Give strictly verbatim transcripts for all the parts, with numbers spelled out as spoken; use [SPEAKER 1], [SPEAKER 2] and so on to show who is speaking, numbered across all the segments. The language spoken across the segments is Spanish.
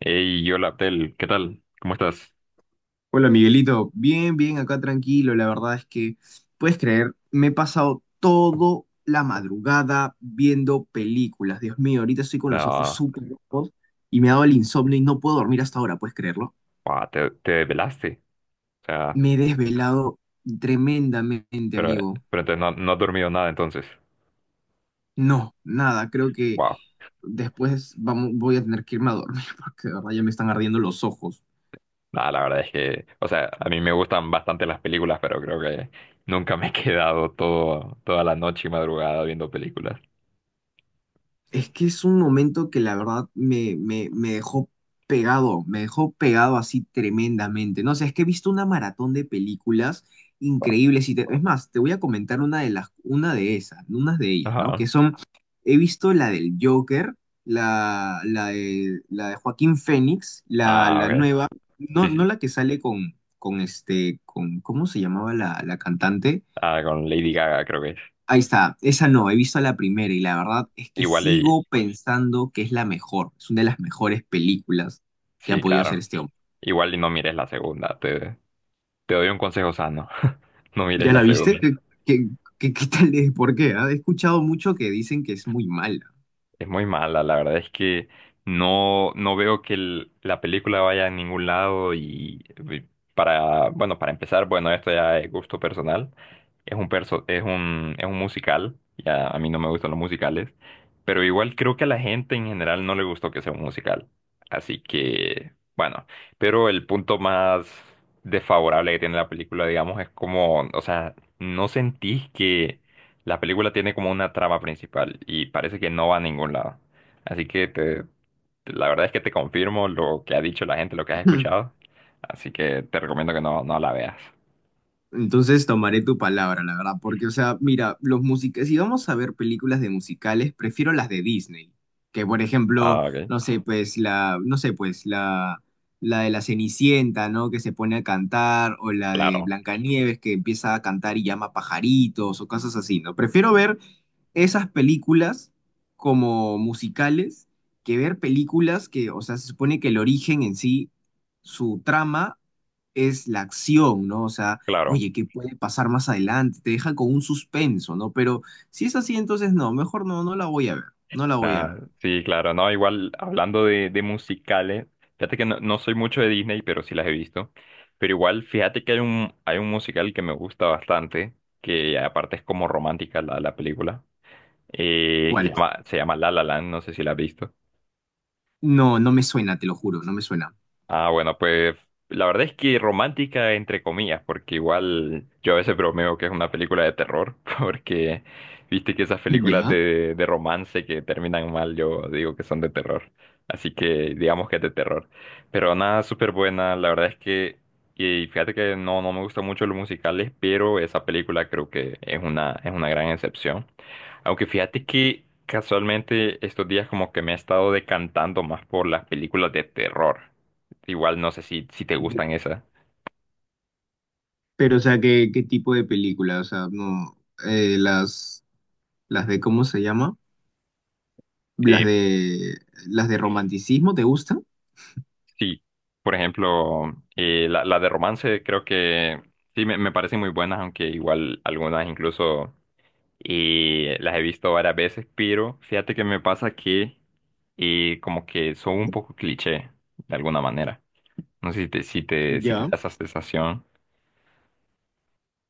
[SPEAKER 1] Hey, hola Abdel, ¿qué tal? ¿Cómo estás?
[SPEAKER 2] Hola Miguelito, bien, bien, acá tranquilo. La verdad es que, ¿puedes creer?, me he pasado toda la madrugada viendo películas. Dios mío, ahorita estoy con los ojos
[SPEAKER 1] Ah,
[SPEAKER 2] súper rojos y me ha dado el insomnio y no puedo dormir hasta ahora. ¿Puedes creerlo?
[SPEAKER 1] guau, te, te velaste? O sea,
[SPEAKER 2] Me he desvelado tremendamente,
[SPEAKER 1] pero,
[SPEAKER 2] amigo.
[SPEAKER 1] pero entonces no, no has dormido nada entonces.
[SPEAKER 2] No, nada. Creo que
[SPEAKER 1] Wow.
[SPEAKER 2] después vamos, voy a tener que irme a dormir porque de verdad ya me están ardiendo los ojos.
[SPEAKER 1] Nada, la verdad es que, o sea, a mí me gustan bastante las películas, pero creo que nunca me he quedado todo, toda la noche y madrugada viendo películas.
[SPEAKER 2] Es que es un momento que la verdad me, me, me dejó pegado, me dejó pegado así tremendamente. No sé, es que he visto una maratón de películas increíbles y te- es más, te voy a comentar una de las, una de esas, unas de ellas, ¿no? Que
[SPEAKER 1] Ajá.
[SPEAKER 2] son, he visto la del Joker, la, la de, la de Joaquín Phoenix, la,
[SPEAKER 1] Ah,
[SPEAKER 2] la
[SPEAKER 1] ok.
[SPEAKER 2] nueva. No,
[SPEAKER 1] Sí,
[SPEAKER 2] no
[SPEAKER 1] sí.
[SPEAKER 2] la que sale con, con este, con, ¿cómo se llamaba la, la cantante?
[SPEAKER 1] Ah, con Lady Gaga creo que es.
[SPEAKER 2] Ahí está, esa no. He visto la primera y la verdad es que
[SPEAKER 1] Igual y,
[SPEAKER 2] sigo pensando que es la mejor, es una de las mejores películas que ha
[SPEAKER 1] sí,
[SPEAKER 2] podido hacer
[SPEAKER 1] claro.
[SPEAKER 2] este hombre.
[SPEAKER 1] Igual y no mires la segunda. Te, te doy un consejo sano. No mires
[SPEAKER 2] ¿Ya
[SPEAKER 1] la
[SPEAKER 2] la viste?
[SPEAKER 1] segunda.
[SPEAKER 2] ¿Qué, qué, qué- qué- tal es? ¿Por qué? ah? He escuchado mucho que dicen que es muy mala.
[SPEAKER 1] Es muy mala, la verdad es que no, no veo que el- la película vaya a ningún lado y eh, para, bueno, para empezar, bueno, esto ya es gusto personal. Es un perso- es un, es un musical, ya a mí no me gustan los musicales, pero igual creo que a la gente en general no le gustó que sea un musical. Así que, bueno, pero el punto más desfavorable que tiene la película, digamos, es como, o sea, no sentís que la película tiene como una trama principal y parece que no va a ningún lado. Así que te, te- la verdad es que te confirmo lo que ha dicho la gente, lo que has escuchado. Así que te recomiendo que no, no la veas.
[SPEAKER 2] Entonces tomaré tu palabra, la verdad, porque, o sea, mira, los músicos, si vamos a ver películas de musicales, prefiero las de Disney, que por ejemplo,
[SPEAKER 1] Ah, ok.
[SPEAKER 2] no sé, pues la, no sé, pues la, la de la Cenicienta, ¿no? Que se pone a cantar, o la de
[SPEAKER 1] Claro,
[SPEAKER 2] Blancanieves que empieza a cantar y llama pajaritos, o cosas así, ¿no? Prefiero ver esas películas como musicales que ver películas que, o sea, se supone que el origen en sí, su trama es la acción, ¿no? O sea
[SPEAKER 1] claro.
[SPEAKER 2] oye, ¿qué puede pasar más adelante? Te deja con un suspenso, ¿no? Pero si es así, entonces no, mejor no, no la voy a ver, no la voy a ver.
[SPEAKER 1] Nada, sí, claro. No, igual hablando de, de musicales, fíjate que no, no soy mucho de Disney, pero sí las he visto. Pero igual, fíjate que hay un, hay un musical que me gusta bastante, que aparte es como romántica la, la película, eh, que se
[SPEAKER 2] ¿Cuál?
[SPEAKER 1] llama, se llama La La Land, no sé si la has visto.
[SPEAKER 2] No, no me suena, te lo juro, no me suena.
[SPEAKER 1] Ah, bueno, pues la verdad es que romántica entre comillas, porque igual yo a veces bromeo que es una película de terror, porque viste que esas películas
[SPEAKER 2] ¿Ya?
[SPEAKER 1] de, de romance que terminan mal, yo digo que son de terror. Así que digamos que es de terror. Pero nada, súper buena, la verdad es que, y fíjate que no, no me gustan mucho los musicales, pero esa película creo que es una, es una gran excepción. Aunque fíjate que casualmente estos días como que me he estado decantando más por las películas de terror. Igual no sé si, si te
[SPEAKER 2] De-
[SPEAKER 1] gustan esas.
[SPEAKER 2] Pero, o sea, ¿qué, qué tipo de película? O sea, no, eh, las, las de, ¿cómo se llama? Las
[SPEAKER 1] Eh,
[SPEAKER 2] de, las de romanticismo, ¿te gustan?
[SPEAKER 1] sí, por ejemplo, eh, la, la de romance creo que sí me, me parecen muy buenas, aunque igual algunas incluso eh, las he visto varias veces, pero fíjate que me pasa que eh, como que son un poco cliché de alguna manera. No sé si te, si te, si te da
[SPEAKER 2] Ya,
[SPEAKER 1] esa sensación.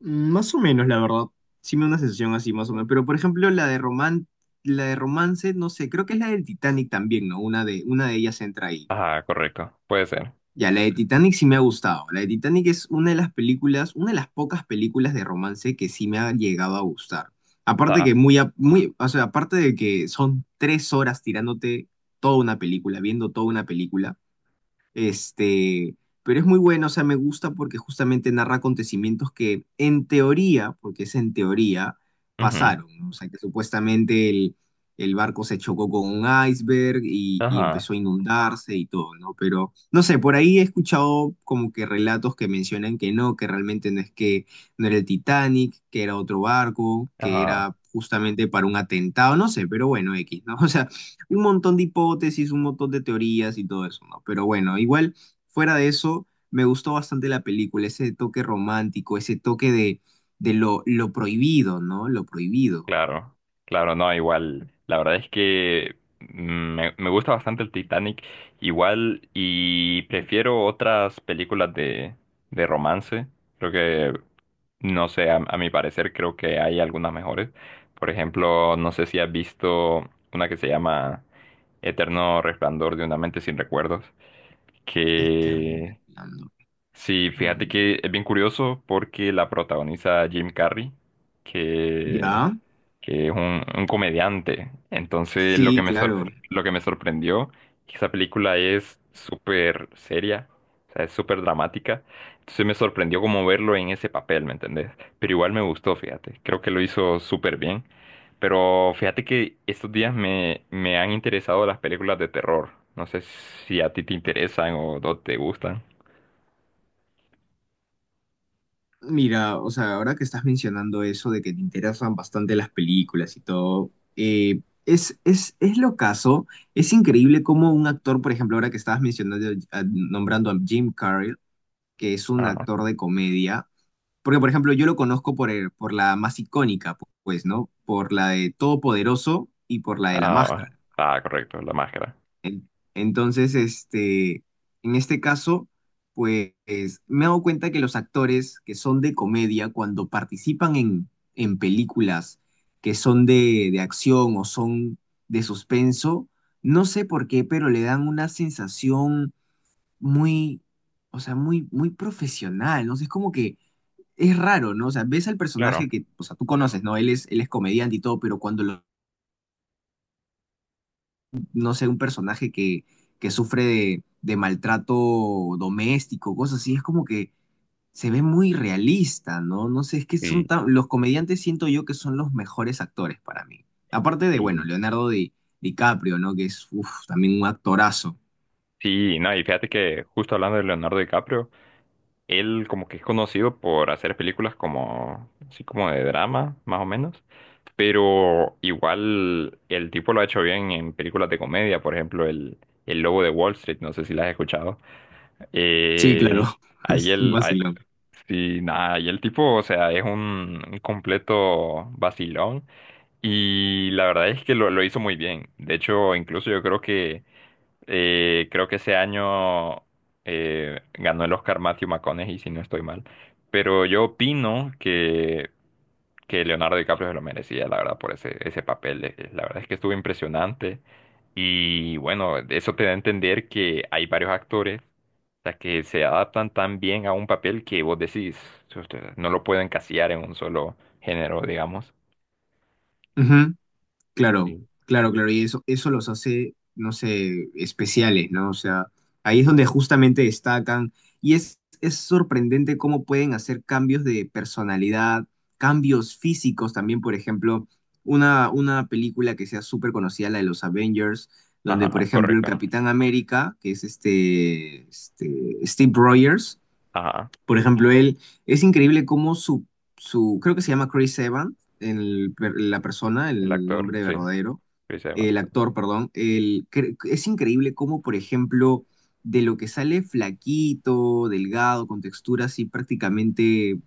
[SPEAKER 2] Mm, más o menos, la verdad. Sí me da una sensación así, más o menos. Pero, por ejemplo, la de roman, la de romance, no sé, creo que es la del Titanic también, ¿no? Una de, una de ellas entra ahí.
[SPEAKER 1] Ajá, correcto, puede ser.
[SPEAKER 2] Ya, la de Titanic sí me ha gustado. La de Titanic es una de las películas, una de las pocas películas de romance que sí me ha llegado a gustar. Aparte
[SPEAKER 1] Ajá,
[SPEAKER 2] que muy, a- muy, o sea, aparte de que son tres horas tirándote toda una película, viendo toda una película, este, pero es muy bueno. O sea, me gusta porque justamente narra acontecimientos que en teoría, porque es en teoría,
[SPEAKER 1] ujú,
[SPEAKER 2] pasaron, ¿no? O sea, que supuestamente el, el barco se chocó con un iceberg y, y
[SPEAKER 1] Ajá,
[SPEAKER 2] empezó a inundarse y todo, ¿no? Pero, no sé, por ahí he escuchado como que relatos que mencionan que no, que realmente no es que no era el Titanic, que era otro barco, que
[SPEAKER 1] ajá.
[SPEAKER 2] era justamente para un atentado, no sé, pero bueno, X, ¿no? O sea, un montón de hipótesis, un montón de teorías y todo eso, ¿no? Pero bueno, igual, fuera de eso, me gustó bastante la película, ese toque romántico, ese toque de, de lo, lo prohibido, ¿no? Lo prohibido.
[SPEAKER 1] Claro, claro, no, igual. La verdad es que mm, me, me gusta bastante el Titanic, igual, y prefiero otras películas de, de romance. Creo que, no sé, a, a mi parecer creo que hay algunas mejores. Por ejemplo, no sé si has visto una que se llama Eterno Resplandor de una mente sin recuerdos,
[SPEAKER 2] Este
[SPEAKER 1] que
[SPEAKER 2] respirando.
[SPEAKER 1] sí, fíjate
[SPEAKER 2] Mm.
[SPEAKER 1] que es bien curioso porque la protagoniza Jim Carrey, que
[SPEAKER 2] ¿Ya?
[SPEAKER 1] que es un, un comediante. Entonces, lo que
[SPEAKER 2] Sí,
[SPEAKER 1] me
[SPEAKER 2] claro.
[SPEAKER 1] sorpre- lo que me sorprendió que esa película es súper seria, o sea, es súper dramática. Entonces me sorprendió como verlo en ese papel, ¿me entendés? Pero igual me gustó, fíjate. Creo que lo hizo súper bien. Pero fíjate que estos días me, me han interesado las películas de terror. No sé si a ti te interesan o no te gustan.
[SPEAKER 2] Mira, o sea, ahora que estás mencionando eso de que te interesan bastante las películas y todo, eh, es, es, es lo caso, es increíble cómo un actor, por ejemplo, ahora que estabas mencionando, a- nombrando a Jim Carrey, que es un
[SPEAKER 1] Ah,
[SPEAKER 2] actor de comedia. Porque, por ejemplo, yo lo conozco por, el- por la más icónica, pu- pues, ¿no? Por la de Todopoderoso y por la de La
[SPEAKER 1] ah,
[SPEAKER 2] Máscara.
[SPEAKER 1] ah, correcto, la máscara.
[SPEAKER 2] Entonces, este, en este caso, pues, me he dado cuenta que los actores que son de comedia, cuando participan en, en películas que son de, de acción o son de suspenso, no sé por qué, pero le dan una sensación muy, o sea, muy, muy profesional, ¿no? Sé, es como que es raro, ¿no? O sea, ves al
[SPEAKER 1] Claro.
[SPEAKER 2] personaje que, o sea, tú conoces, ¿no? Él es, él es comediante y todo, pero cuando, lo- no sé, un personaje que, que sufre de, de maltrato doméstico, cosas así, es como que se ve muy realista, ¿no? No sé, es que son
[SPEAKER 1] Sí,
[SPEAKER 2] tan, los comediantes siento yo que son los mejores actores para mí. Aparte de, bueno,
[SPEAKER 1] sí,
[SPEAKER 2] Leonardo Di- DiCaprio, ¿no? Que es, uf, también un actorazo.
[SPEAKER 1] Sí, no, y fíjate que justo hablando de Leonardo DiCaprio, él como que es conocido por hacer películas como, así como de drama, más o menos, pero igual el tipo lo ha hecho bien en películas de comedia, por ejemplo, el, el Lobo de Wall Street, no sé si la has escuchado.
[SPEAKER 2] Sí, claro,
[SPEAKER 1] Eh, ahí
[SPEAKER 2] es un
[SPEAKER 1] el, ah,
[SPEAKER 2] vacilón.
[SPEAKER 1] sí, nada, y el tipo, o sea, es un, un completo vacilón y la verdad es que lo, lo hizo muy bien. De hecho, incluso yo creo que eh, creo que ese año eh, ganó el Oscar Matthew McConaughey, si no estoy mal. Pero yo opino que, que Leonardo DiCaprio se lo merecía, la verdad, por ese, ese papel. Eh, La verdad es que estuvo impresionante. Y bueno, eso te da a entender que hay varios actores, o sea, que se adaptan tan bien a un papel que vos decís, "Usted, no lo puedo encasillar en un solo género, digamos.
[SPEAKER 2] Claro,
[SPEAKER 1] Sí.
[SPEAKER 2] claro, claro, y eso, eso los hace, no sé, especiales, ¿no? O sea, ahí es donde justamente destacan y es, es sorprendente cómo pueden hacer cambios de personalidad, cambios físicos también, por ejemplo, una, una película que sea súper conocida, la de los Avengers, donde, por
[SPEAKER 1] Ajá,
[SPEAKER 2] ejemplo, el
[SPEAKER 1] correcto.
[SPEAKER 2] Capitán América, que es este, este Steve Rogers,
[SPEAKER 1] Ajá,
[SPEAKER 2] por ejemplo, él es increíble cómo su, su creo que se llama Chris Evans, el per- la persona,
[SPEAKER 1] el
[SPEAKER 2] el
[SPEAKER 1] actor,
[SPEAKER 2] nombre
[SPEAKER 1] sí,
[SPEAKER 2] verdadero,
[SPEAKER 1] Chris Evans.
[SPEAKER 2] el actor, perdón, el, cre- es increíble cómo, por ejemplo, de lo que sale flaquito, delgado, con textura así prácticamente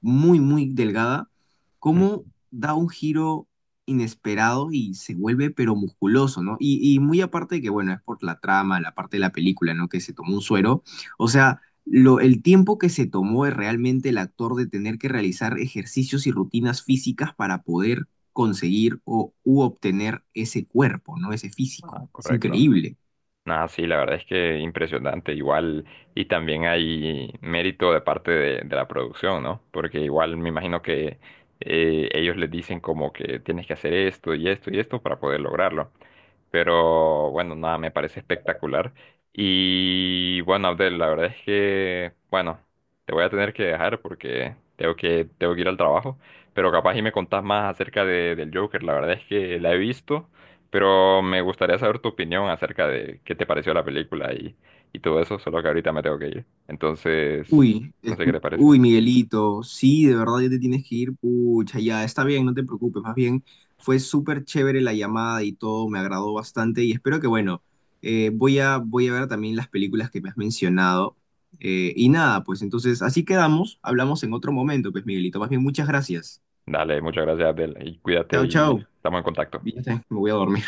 [SPEAKER 2] muy, muy delgada, cómo
[SPEAKER 1] Mm,
[SPEAKER 2] da un giro inesperado y se vuelve pero musculoso, ¿no? Y, y muy aparte de que, bueno, es por la trama, la parte de la película, ¿no? Que se tomó un suero. O sea, lo, el tiempo que se tomó es realmente el actor de tener que realizar ejercicios y rutinas físicas para poder conseguir o u obtener ese cuerpo, ¿no? Ese
[SPEAKER 1] ah,
[SPEAKER 2] físico. Es
[SPEAKER 1] correcto.
[SPEAKER 2] increíble.
[SPEAKER 1] Nada, sí, la verdad es que impresionante, igual, y también hay mérito de parte de, de la producción, ¿no? Porque igual me imagino que eh, ellos les dicen como que tienes que hacer esto y esto y esto para poder lograrlo. Pero bueno, nada, me parece espectacular. Y bueno, Abdel, la verdad es que, bueno, te voy a tener que dejar porque tengo que, tengo que ir al trabajo. Pero capaz y me contás más acerca de- del Joker. La verdad es que la he visto, pero me gustaría saber tu opinión acerca de qué te pareció la película y, y todo eso, solo que ahorita me tengo que ir. Entonces,
[SPEAKER 2] Uy,
[SPEAKER 1] no sé qué
[SPEAKER 2] escu-
[SPEAKER 1] te parece.
[SPEAKER 2] uy, Miguelito, sí, de verdad ya te tienes que ir, pucha, ya está bien, no te preocupes, más bien fue súper chévere la llamada y todo, me agradó bastante y espero que, bueno, eh, voy a, voy a ver también las películas que me has mencionado eh, y nada, pues entonces así quedamos, hablamos en otro momento, pues Miguelito, más bien muchas gracias.
[SPEAKER 1] Dale, muchas gracias, Abdel, y cuídate
[SPEAKER 2] Chao, chao.
[SPEAKER 1] y estamos en contacto.
[SPEAKER 2] Bien, me voy a dormir.